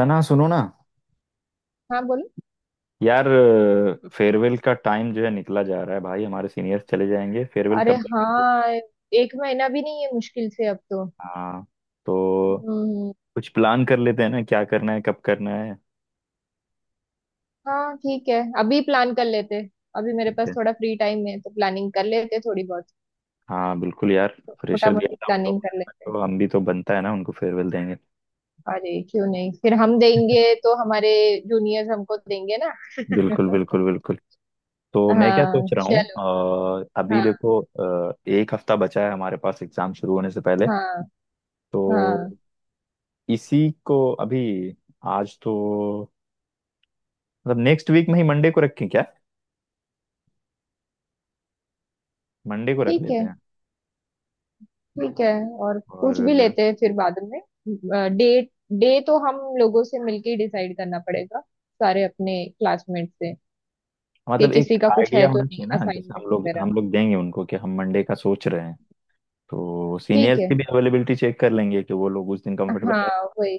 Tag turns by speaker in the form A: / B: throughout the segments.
A: तना सुनो ना
B: हाँ, बोलो।
A: यार। फेयरवेल का टाइम जो है निकला जा रहा है भाई। हमारे सीनियर्स चले जाएंगे, फेयरवेल
B: अरे
A: कब देंगे?
B: हाँ, एक महीना भी नहीं है मुश्किल से अब तो।
A: हाँ, तो
B: हम्म।
A: कुछ प्लान कर लेते हैं ना, क्या करना है, कब करना है।
B: हाँ ठीक है, अभी प्लान कर लेते। अभी मेरे
A: ठीक
B: पास
A: है,
B: थोड़ा फ्री टाइम है तो प्लानिंग कर लेते थोड़ी बहुत।
A: हाँ बिल्कुल यार।
B: मोटा
A: प्रेशर दिया
B: मोटी
A: था हम लोगों
B: प्लानिंग कर
A: ने,
B: लेते।
A: तो हम भी तो बनता है ना, उनको फेयरवेल देंगे।
B: अरे क्यों नहीं, फिर हम देंगे तो हमारे जूनियर्स हमको देंगे ना।
A: बिल्कुल बिल्कुल बिल्कुल। तो मैं क्या
B: हाँ
A: सोच रहा
B: चलो।
A: हूँ, अभी
B: हाँ।
A: देखो, एक हफ्ता बचा है हमारे पास एग्जाम शुरू होने से पहले।
B: हाँ।
A: तो
B: हाँ
A: इसी को अभी, आज तो मतलब नेक्स्ट वीक में ही मंडे को रखें क्या? मंडे को रख
B: ठीक
A: लेते
B: है।
A: हैं।
B: ठीक है। और पूछ
A: और
B: भी लेते हैं फिर बाद में। डेट, डे तो हम लोगों से मिलके डिसाइड करना पड़ेगा, सारे अपने क्लासमेट से, कि
A: मतलब एक
B: किसी का कुछ है
A: आइडिया
B: तो
A: होना
B: नहीं,
A: चाहिए ना, जैसे हम
B: असाइनमेंट
A: लोग
B: वगैरह।
A: हम लोग देंगे उनको कि हम मंडे का सोच रहे हैं, तो
B: ठीक
A: सीनियर्स
B: है।
A: की भी अवेलेबिलिटी चेक कर लेंगे कि वो लोग उस दिन कंफर्टेबल
B: हाँ
A: है।
B: वही।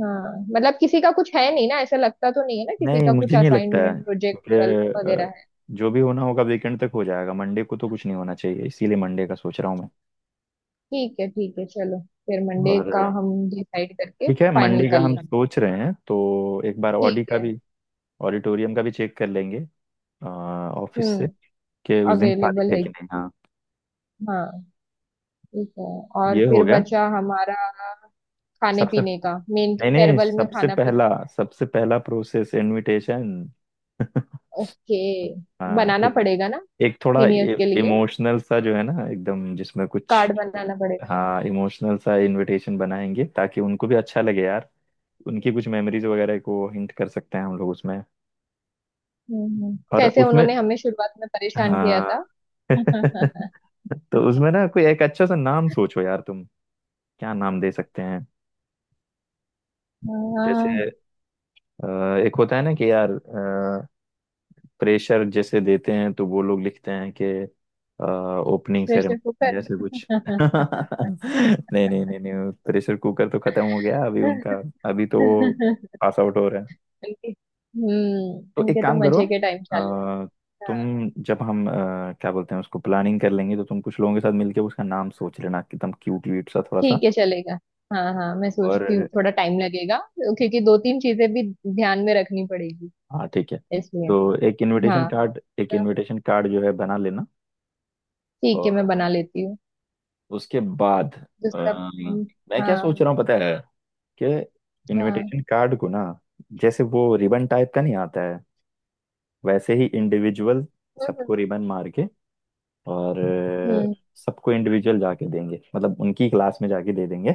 B: हाँ मतलब किसी का कुछ है नहीं ना, ऐसा लगता तो नहीं है ना, किसी
A: नहीं,
B: का कुछ
A: मुझे नहीं लगता है
B: असाइनमेंट
A: क्योंकि
B: प्रोजेक्ट वगैरह
A: अ,
B: है।
A: जो भी होना होगा वीकेंड तक हो जाएगा, मंडे को तो कुछ नहीं होना चाहिए, इसीलिए मंडे का सोच रहा हूँ मैं।
B: ठीक है ठीक है, चलो फिर मंडे
A: और
B: का हम डिसाइड करके
A: ठीक है,
B: फाइनल
A: मंडे का
B: कर
A: हम
B: लेंगे।
A: सोच रहे हैं तो एक बार ऑडी
B: ठीक
A: का
B: है।
A: भी, ऑडिटोरियम का भी चेक कर लेंगे ऑफिस से
B: हम्म।
A: कि उस दिन खाली
B: अवेलेबल
A: है
B: है।
A: कि नहीं। हाँ,
B: हाँ। ठीक है। और
A: ये हो
B: फिर
A: गया।
B: बचा हमारा खाने
A: सबसे,
B: पीने का, मेन तो
A: नहीं नहीं,
B: फेयरवेल में
A: सबसे
B: खाना पीना।
A: पहला सबसे पहला प्रोसेस इनविटेशन।
B: ओके,
A: हाँ,
B: बनाना
A: एक,
B: पड़ेगा ना,
A: एक थोड़ा
B: सीनियर्स के लिए
A: इमोशनल सा जो है ना एकदम, जिसमें कुछ।
B: कार्ड बनाना पड़ेगा।
A: हाँ, इमोशनल सा इनविटेशन बनाएंगे ताकि उनको भी अच्छा लगे यार। उनकी कुछ मेमोरीज वगैरह को हिंट कर सकते हैं हम लोग उसमें, और
B: कैसे
A: उसमें
B: उन्होंने हमें शुरुआत में परेशान किया
A: हाँ।
B: था।
A: तो उसमें ना कोई एक अच्छा सा नाम सोचो यार तुम, क्या नाम दे सकते हैं। जैसे
B: हाँ,
A: अ, एक होता है ना कि यार, प्रेशर जैसे देते हैं तो वो लोग लिखते हैं कि ओपनिंग
B: प्रेशर
A: सेरेमनी
B: कुकर।
A: ऐसे कुछ। नहीं नहीं नहीं नहीं, प्रेशर कुकर तो खत्म हो गया अभी
B: उनके
A: उनका, अभी तो वो पास आउट हो रहे हैं।
B: हम्म,
A: तो एक
B: उनके तो
A: काम करो,
B: मजे के टाइम चालू हो
A: अ,
B: गए। हाँ
A: तुम जब, हम क्या बोलते हैं उसको प्लानिंग कर लेंगे, तो तुम कुछ लोगों के साथ मिलके उसका नाम सोच लेना, एकदम क्यूट व्यूट सा थोड़ा सा।
B: ठीक है, चलेगा। हाँ हाँ, मैं
A: और
B: सोचती हूँ, थोड़ा टाइम लगेगा क्योंकि दो तीन चीजें भी ध्यान में रखनी पड़ेगी
A: हाँ ठीक है,
B: इसलिए।
A: तो एक इनविटेशन
B: हाँ
A: कार्ड, एक
B: तो
A: इनविटेशन कार्ड जो है बना लेना।
B: ठीक है, मैं
A: और
B: बना लेती हूँ।
A: उसके बाद अ,
B: दूसरा पॉइंट।
A: मैं क्या
B: हाँ।
A: सोच रहा हूँ पता है, कि
B: हाँ।
A: इनविटेशन कार्ड को ना, जैसे वो रिबन टाइप का नहीं आता है, वैसे ही इंडिविजुअल
B: हम्म
A: सबको
B: हम्म,
A: रिबन मार के, और अ,
B: हम्म,
A: सबको इंडिविजुअल जाके देंगे, मतलब उनकी क्लास में जाके दे देंगे।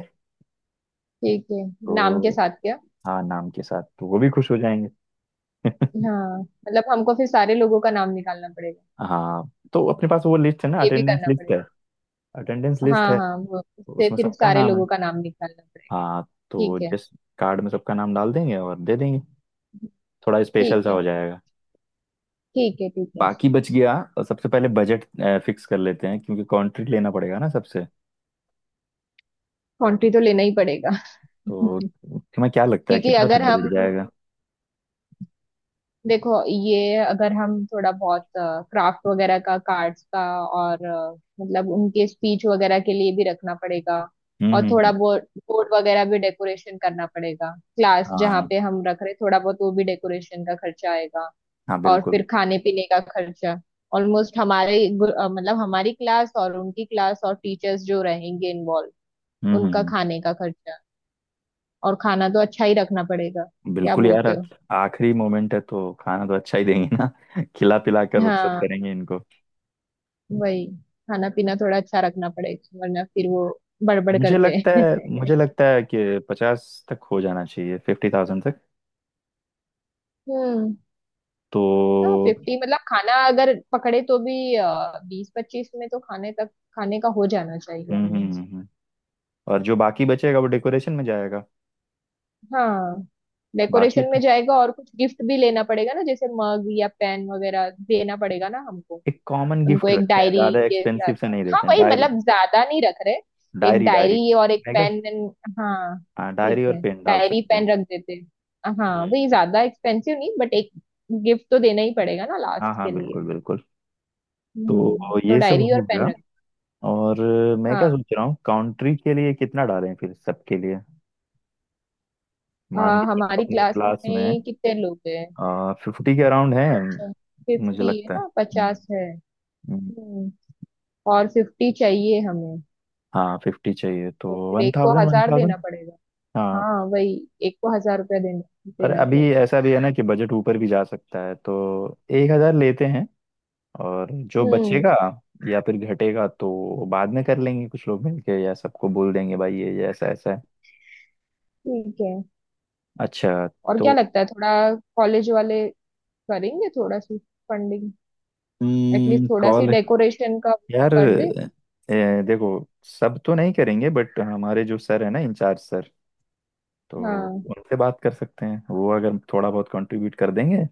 B: ठीक है। नाम के
A: तो
B: साथ क्या?
A: हाँ, नाम के साथ, तो वो भी खुश हो जाएंगे।
B: हाँ मतलब हमको फिर सारे लोगों का नाम निकालना पड़ेगा।
A: हाँ, तो अपने पास वो लिस्ट है ना,
B: ये भी
A: अटेंडेंस
B: करना
A: लिस्ट है,
B: पड़ेगा।
A: अटेंडेंस लिस्ट
B: हाँ
A: है,
B: हाँ वो उससे
A: उसमें
B: फिर
A: सबका
B: सारे
A: नाम है।
B: लोगों का नाम निकालना पड़ेगा।
A: हाँ, तो
B: ठीक है।
A: जिस कार्ड में सबका नाम डाल देंगे और दे देंगे, थोड़ा स्पेशल
B: ठीक
A: सा हो
B: है।
A: जाएगा।
B: ठीक है। ठीक है।
A: बाकी बच गया, और सबसे पहले बजट फिक्स कर लेते हैं, क्योंकि कॉन्ट्रैक्ट लेना पड़ेगा ना सबसे।
B: कंट्री तो लेना ही पड़ेगा।
A: तो तुम्हें क्या लगता है
B: क्योंकि
A: कितना तक
B: अगर हम,
A: बजट जाएगा?
B: देखो ये अगर हम थोड़ा बहुत क्राफ्ट वगैरह का, कार्ड्स का और मतलब उनके स्पीच वगैरह के लिए भी रखना पड़ेगा।
A: हम्म
B: और
A: हम्म
B: थोड़ा
A: हम्म,
B: बहुत बोर्ड वगैरह भी डेकोरेशन करना पड़ेगा, क्लास जहाँ
A: हाँ
B: पे हम रख रहे, थोड़ा बहुत वो भी डेकोरेशन का खर्चा आएगा।
A: हाँ
B: और
A: बिल्कुल।
B: फिर खाने पीने का खर्चा, ऑलमोस्ट हमारे मतलब हमारी क्लास और उनकी क्लास और टीचर्स जो रहेंगे इन्वॉल्व,
A: हम्म हम्म
B: उनका
A: हम्म,
B: खाने का खर्चा। और खाना तो अच्छा ही रखना पड़ेगा, क्या
A: बिल्कुल यार,
B: बोलते हो?
A: आखिरी मोमेंट है तो खाना तो अच्छा ही देंगे ना। खिला पिला कर रुखसत
B: हाँ
A: करेंगे इनको।
B: वही, खाना पीना थोड़ा अच्छा रखना पड़ेगा वरना फिर वो बड़बड़
A: मुझे
B: करते
A: लगता है
B: हैं।
A: मुझे लगता है कि 50 तक हो जाना चाहिए, 50,000 तक।
B: हम्म।
A: तो
B: हाँ फिफ्टी मतलब, खाना अगर पकड़े तो भी बीस पच्चीस में तो खाने तक, खाने का हो जाना चाहिए
A: हम्म हम्म
B: almost।
A: हम्म, हम्म। और जो बाकी बचेगा वो डेकोरेशन में जाएगा।
B: हाँ
A: बाकी
B: डेकोरेशन
A: तो
B: में जाएगा, और कुछ गिफ्ट भी लेना पड़ेगा ना, जैसे मग या पेन वगैरह देना पड़ेगा ना हमको।
A: एक कॉमन
B: उनको
A: गिफ्ट
B: एक
A: रखते हैं,
B: डायरी
A: ज्यादा
B: के साथ।
A: एक्सपेंसिव से नहीं
B: हाँ
A: देते हैं।
B: वही,
A: डायरी,
B: मतलब ज्यादा नहीं रख रहे, एक
A: डायरी, डायरी
B: डायरी और एक
A: है क्या?
B: पेन। हाँ
A: हाँ,
B: ठीक
A: डायरी और
B: है,
A: पेन डाल
B: डायरी
A: सकते हैं।
B: पेन रख देते हैं। हाँ
A: हम्म,
B: वही, ज्यादा एक्सपेंसिव नहीं बट एक गिफ्ट तो देना ही पड़ेगा ना लास्ट
A: हाँ हाँ
B: के लिए।
A: बिल्कुल बिल्कुल।
B: हम्म,
A: तो
B: तो
A: ये सब
B: डायरी और
A: हो
B: पेन
A: गया,
B: रख।
A: और मैं क्या
B: हाँ।
A: सोच रहा हूँ काउंट्री के लिए कितना डालें फिर सबके लिए। मान के
B: हाँ,
A: चलो
B: हमारी
A: अपनी
B: क्लास
A: क्लास में
B: में कितने लोग हैं?
A: 50 के अराउंड है।
B: पचास?
A: मुझे
B: फिफ्टी है
A: लगता है
B: ना, पचास है।
A: हम्म,
B: हम्म। और फिफ्टी चाहिए हमें,
A: हाँ 50 चाहिए, तो
B: तो फिर
A: वन
B: एक को
A: थाउजेंड वन
B: हजार देना
A: थाउजेंड
B: पड़ेगा।
A: हाँ,
B: हाँ वही, एक को हजार रुपया देना,
A: अरे
B: देना
A: अभी
B: पड़ेगा।
A: ऐसा भी है ना कि बजट ऊपर भी जा सकता है, तो 1,000 लेते हैं, और जो
B: हम्म।
A: बचेगा या फिर घटेगा तो बाद में कर लेंगे कुछ लोग मिलके, या सबको बोल देंगे भाई ये ऐसा ऐसा है।
B: ठीक है।
A: अच्छा,
B: और क्या
A: तो
B: लगता है, थोड़ा कॉलेज वाले करेंगे थोड़ा सी फंडिंग, एटलीस्ट थोड़ा सी
A: कॉल,
B: डेकोरेशन का
A: यार
B: कर दे।
A: ए, देखो सब तो नहीं करेंगे बट हमारे जो सर है ना, इंचार्ज सर, तो
B: हाँ।
A: उनसे बात कर सकते हैं, वो अगर थोड़ा बहुत कंट्रीब्यूट कर देंगे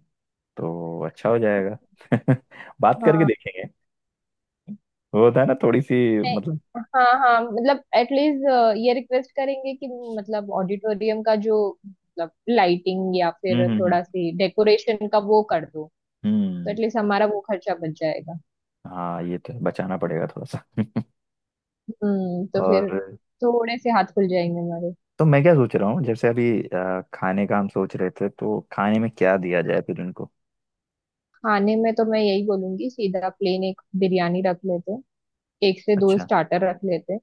A: तो अच्छा हो जाएगा। बात करके
B: हाँ।
A: देखेंगे, वो होता है ना थोड़ी सी,
B: नहीं,
A: मतलब।
B: हाँ हाँ मतलब एटलीस्ट ये रिक्वेस्ट करेंगे कि, मतलब ऑडिटोरियम का जो, मतलब लाइटिंग या फिर
A: हम्म हम्म हम्म
B: थोड़ा सी डेकोरेशन का वो कर दो, तो
A: हम्म,
B: एटलीस्ट हमारा वो खर्चा बच जाएगा।
A: हाँ ये तो है, बचाना पड़ेगा थोड़ा सा।
B: हम्म, तो फिर
A: और
B: थोड़े से हाथ खुल जाएंगे हमारे।
A: तो मैं क्या सोच रहा हूँ, जैसे अभी खाने का हम सोच रहे थे, तो खाने में क्या दिया जाए फिर उनको।
B: खाने में तो मैं यही बोलूंगी, सीधा प्लेन एक बिरयानी रख लेते हैं, एक से दो
A: अच्छा
B: स्टार्टर रख लेते हैं।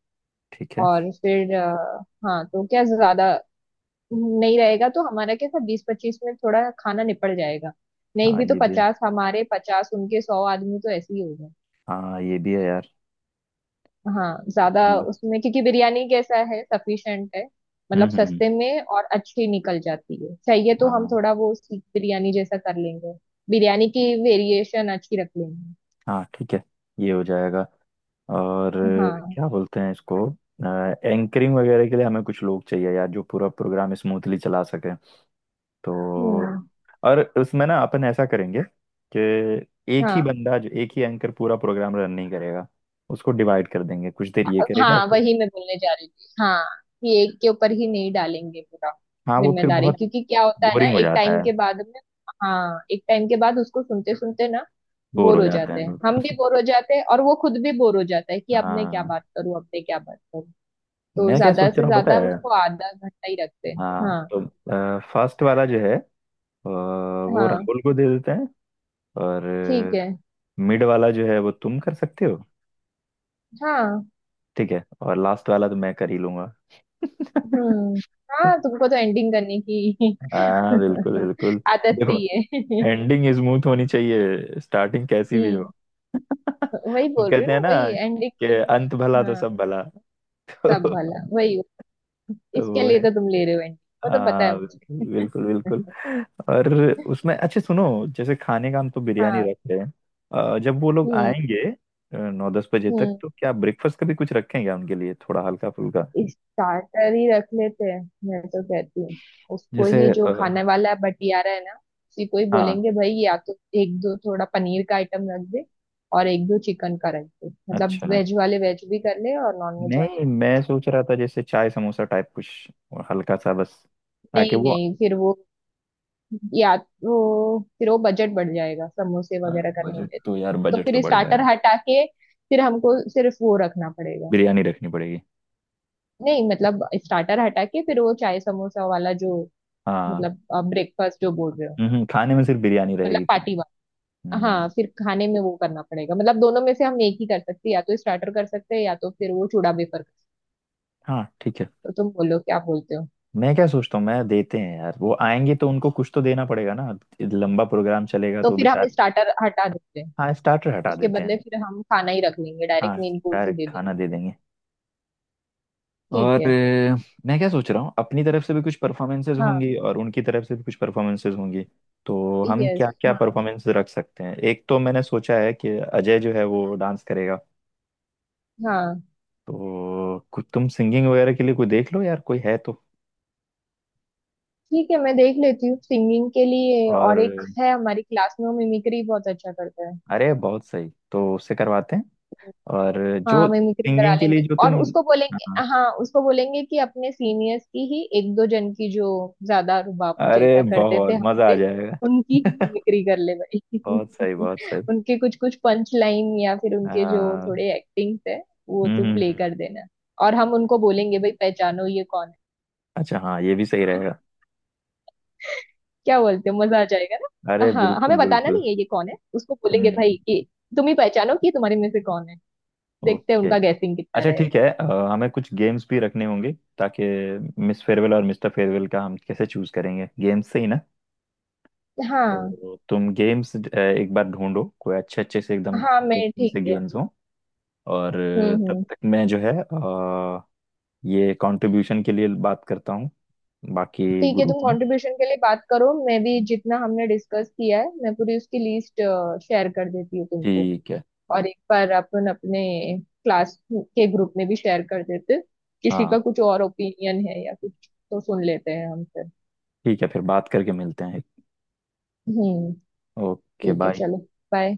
A: ठीक है,
B: और फिर हाँ, तो क्या ज्यादा नहीं रहेगा, तो हमारा क्या था, बीस पच्चीस में थोड़ा खाना निपट जाएगा। नहीं
A: हाँ
B: भी तो
A: ये भी है,
B: पचास हमारे पचास उनके, सौ आदमी तो ऐसे ही हो गए।
A: हाँ ये भी है यार।
B: हाँ ज्यादा
A: मतलब-
B: उसमें, क्योंकि बिरयानी कैसा है, सफिशिएंट है, मतलब
A: हम्म।
B: सस्ते में और अच्छी निकल जाती है। चाहिए तो हम
A: हाँ,
B: थोड़ा वो सीख बिरयानी जैसा कर लेंगे, बिरयानी की वेरिएशन अच्छी रख लेंगे।
A: हाँ ठीक है, ये हो जाएगा। और
B: हाँ।
A: क्या बोलते हैं इसको, एंकरिंग वगैरह के लिए हमें कुछ लोग चाहिए यार जो पूरा प्रोग्राम स्मूथली चला सके। तो
B: हम्म।
A: और उसमें ना अपन ऐसा करेंगे कि एक ही
B: हाँ।
A: बंदा जो, एक ही एंकर पूरा प्रोग्राम रन नहीं करेगा, उसको डिवाइड कर देंगे, कुछ देर ये करेगा।
B: हाँ वही मैं बोलने जा रही थी, हाँ कि एक के ऊपर ही नहीं डालेंगे पूरा
A: हाँ, वो फिर
B: जिम्मेदारी,
A: बहुत
B: क्योंकि क्या होता है ना,
A: बोरिंग हो
B: एक
A: जाता
B: टाइम
A: है,
B: के बाद में, हाँ एक टाइम के बाद उसको सुनते सुनते ना,
A: बोर
B: बोर
A: हो
B: हो
A: जाते हैं
B: जाते हैं,
A: लोग।
B: हम भी बोर हो जाते हैं और वो खुद भी बोर हो जाता है कि अब मैं क्या
A: हाँ,
B: बात करूँ, अब मैं क्या बात करूँ। तो
A: मैं क्या
B: ज्यादा
A: सोच
B: से
A: रहा हूँ पता
B: ज्यादा
A: है,
B: उसको आधा घंटा ही रखते हैं।
A: हाँ
B: हाँ।
A: तो फर्स्ट वाला जो है वो
B: हाँ
A: राहुल को दे देते हैं, और
B: ठीक है।
A: मिड वाला जो है वो तुम कर सकते हो,
B: हाँ।
A: ठीक है, और लास्ट वाला तो मैं कर ही लूंगा।
B: हम्म। हाँ, तुमको तो एंडिंग करने की
A: हाँ बिल्कुल बिल्कुल।
B: आदत
A: देखो,
B: सी है।
A: एंडिंग स्मूथ होनी चाहिए, स्टार्टिंग कैसी भी हो।
B: हम्म, वही
A: वो
B: बोल रही हूँ
A: कहते हैं
B: ना,
A: ना
B: वही एंडिंग
A: कि अंत भला तो सब भला।
B: सब
A: तो,
B: भला वही हो।
A: तो
B: इसके
A: वो
B: लिए
A: है।
B: तो तुम ले रहे हो एंटी, वो तो पता है
A: हाँ
B: मुझे।
A: बिल्कुल बिल्कुल, और उसमें अच्छा सुनो, जैसे खाने का हम तो बिरयानी
B: हाँ।
A: रख रहे हैं, जब वो लोग
B: हम्म
A: आएंगे 9-10 बजे तक,
B: हम्म,
A: तो क्या ब्रेकफास्ट का भी कुछ रखेंगे उनके लिए थोड़ा हल्का फुल्का?
B: स्टार्टर ही रख लेते हैं मैं तो कहती हूँ, उसको
A: जैसे
B: ही जो
A: अ,
B: खाने वाला है, बटियारा है ना, उसी को ही
A: हाँ
B: बोलेंगे भाई या तो एक दो थोड़ा पनीर का आइटम रख दे और एक दो चिकन का रख दे, मतलब
A: अच्छा,
B: वेज वाले वेज भी कर ले और नॉन वेज वाले
A: नहीं मैं सोच रहा था जैसे चाय समोसा टाइप कुछ, और हल्का सा बस, ताकि
B: नहीं
A: वो।
B: नहीं, फिर वो, या तो फिर वो बजट बढ़ जाएगा समोसे वगैरह करने
A: बजट
B: में।
A: तो यार,
B: तो
A: बजट तो
B: फिर
A: बढ़
B: स्टार्टर
A: जाएगा,
B: हटा के फिर हमको सिर्फ वो रखना पड़ेगा,
A: बिरयानी रखनी पड़ेगी।
B: नहीं मतलब स्टार्टर हटा के फिर वो चाय समोसा वाला जो,
A: हाँ
B: मतलब ब्रेकफास्ट जो बोल रहे हो,
A: खाने में सिर्फ बिरयानी
B: मतलब
A: रहेगी फिर।
B: पार्टी वाला।
A: हम्म,
B: हाँ फिर खाने में वो करना पड़ेगा, मतलब दोनों में से हम एक ही कर सकते हैं, या तो स्टार्टर कर सकते हैं या तो फिर वो चूड़ा वेफर कर
A: हाँ ठीक है।
B: सकते हो, तुम बोलो, क्या बोलते हो?
A: मैं क्या सोचता हूँ मैं, देते हैं यार, वो आएंगे तो उनको कुछ तो देना पड़ेगा ना, लंबा प्रोग्राम चलेगा
B: तो
A: तो
B: फिर हम
A: बेचारे।
B: स्टार्टर हटा देते हैं,
A: हाँ, स्टार्टर हटा
B: उसके
A: देते हैं।
B: बदले फिर हम खाना ही रख लेंगे,
A: हाँ
B: डायरेक्ट मेन कोर्स ही दे
A: डायरेक्ट खाना दे
B: देंगे।
A: देंगे।
B: ठीक
A: और
B: है।
A: मैं क्या सोच रहा हूँ अपनी तरफ से भी कुछ परफॉर्मेंसेज
B: हाँ।
A: होंगी, और उनकी तरफ से भी कुछ परफॉर्मेंसेज होंगी, तो हम क्या
B: यस
A: क्या
B: हाँ।
A: परफॉर्मेंस रख सकते हैं। एक तो मैंने सोचा है कि अजय जो है वो डांस करेगा,
B: हाँ।
A: तो कुछ तुम सिंगिंग वगैरह के लिए कोई देख लो यार, कोई है तो।
B: ठीक है मैं देख लेती हूँ सिंगिंग के लिए।
A: और
B: और एक है हमारी क्लास में, वो मिमिक्री बहुत अच्छा करता है।
A: अरे बहुत सही, तो उससे करवाते हैं। और जो
B: हाँ मिमिक्री करा
A: सिंगिंग के लिए
B: लेंगे,
A: जो तुम,
B: और उसको बोलेंगे,
A: हाँ,
B: हाँ उसको बोलेंगे कि अपने सीनियर्स की ही एक दो जन की जो ज्यादा रुबाब
A: अरे
B: जैसा करते थे
A: बहुत मजा आ
B: हमसे, उनकी ही
A: जाएगा।
B: मिमिक्री कर ले भाई।
A: बहुत सही बहुत सही।
B: उनके कुछ कुछ पंच लाइन या फिर उनके जो
A: हाँ
B: थोड़े एक्टिंग्स है, वो
A: हम्म
B: तो
A: हम्म,
B: प्ले
A: हम्म।
B: कर देना, और हम उनको बोलेंगे भाई पहचानो ये कौन
A: अच्छा हाँ, ये भी सही
B: है।
A: रहेगा।
B: क्या बोलते हो, मजा आ जाएगा ना।
A: अरे
B: हाँ,
A: बिल्कुल
B: हमें बताना
A: बिल्कुल।
B: नहीं है ये कौन है, उसको बोलेंगे भाई
A: हम्म।
B: कि तुम ही पहचानो कि तुम्हारे में से कौन है। देखते हैं
A: ओके।
B: उनका गैसिंग कितना
A: अच्छा ठीक
B: रहेगा।
A: है, हमें कुछ गेम्स भी रखने होंगे, ताकि मिस फेयरवेल और मिस्टर फेयरवेल का हम कैसे चूज करेंगे, गेम्स से ही ना।
B: हाँ।
A: तो तुम गेम्स एक बार ढूंढो कोई अच्छे अच्छे से एकदम
B: हाँ मैं ठीक
A: से
B: है।
A: गेम्स हो। और तब
B: हम्म,
A: तक मैं जो है ये कंट्रीब्यूशन के लिए बात करता हूँ बाकी
B: ठीक है,
A: ग्रुप
B: तुम
A: में।
B: कंट्रीब्यूशन के लिए बात करो, मैं भी जितना हमने डिस्कस किया है, मैं पूरी उसकी लिस्ट शेयर कर देती हूँ तुमको।
A: ठीक है,
B: और एक बार अपन अपने क्लास के ग्रुप में भी शेयर कर देते हैं। किसी का
A: हाँ
B: कुछ और ओपिनियन है या कुछ, तो सुन लेते हैं हम फिर।
A: ठीक है, फिर बात करके मिलते हैं।
B: हम्म,
A: ओके
B: ठीक है
A: बाय।
B: चलो, बाय।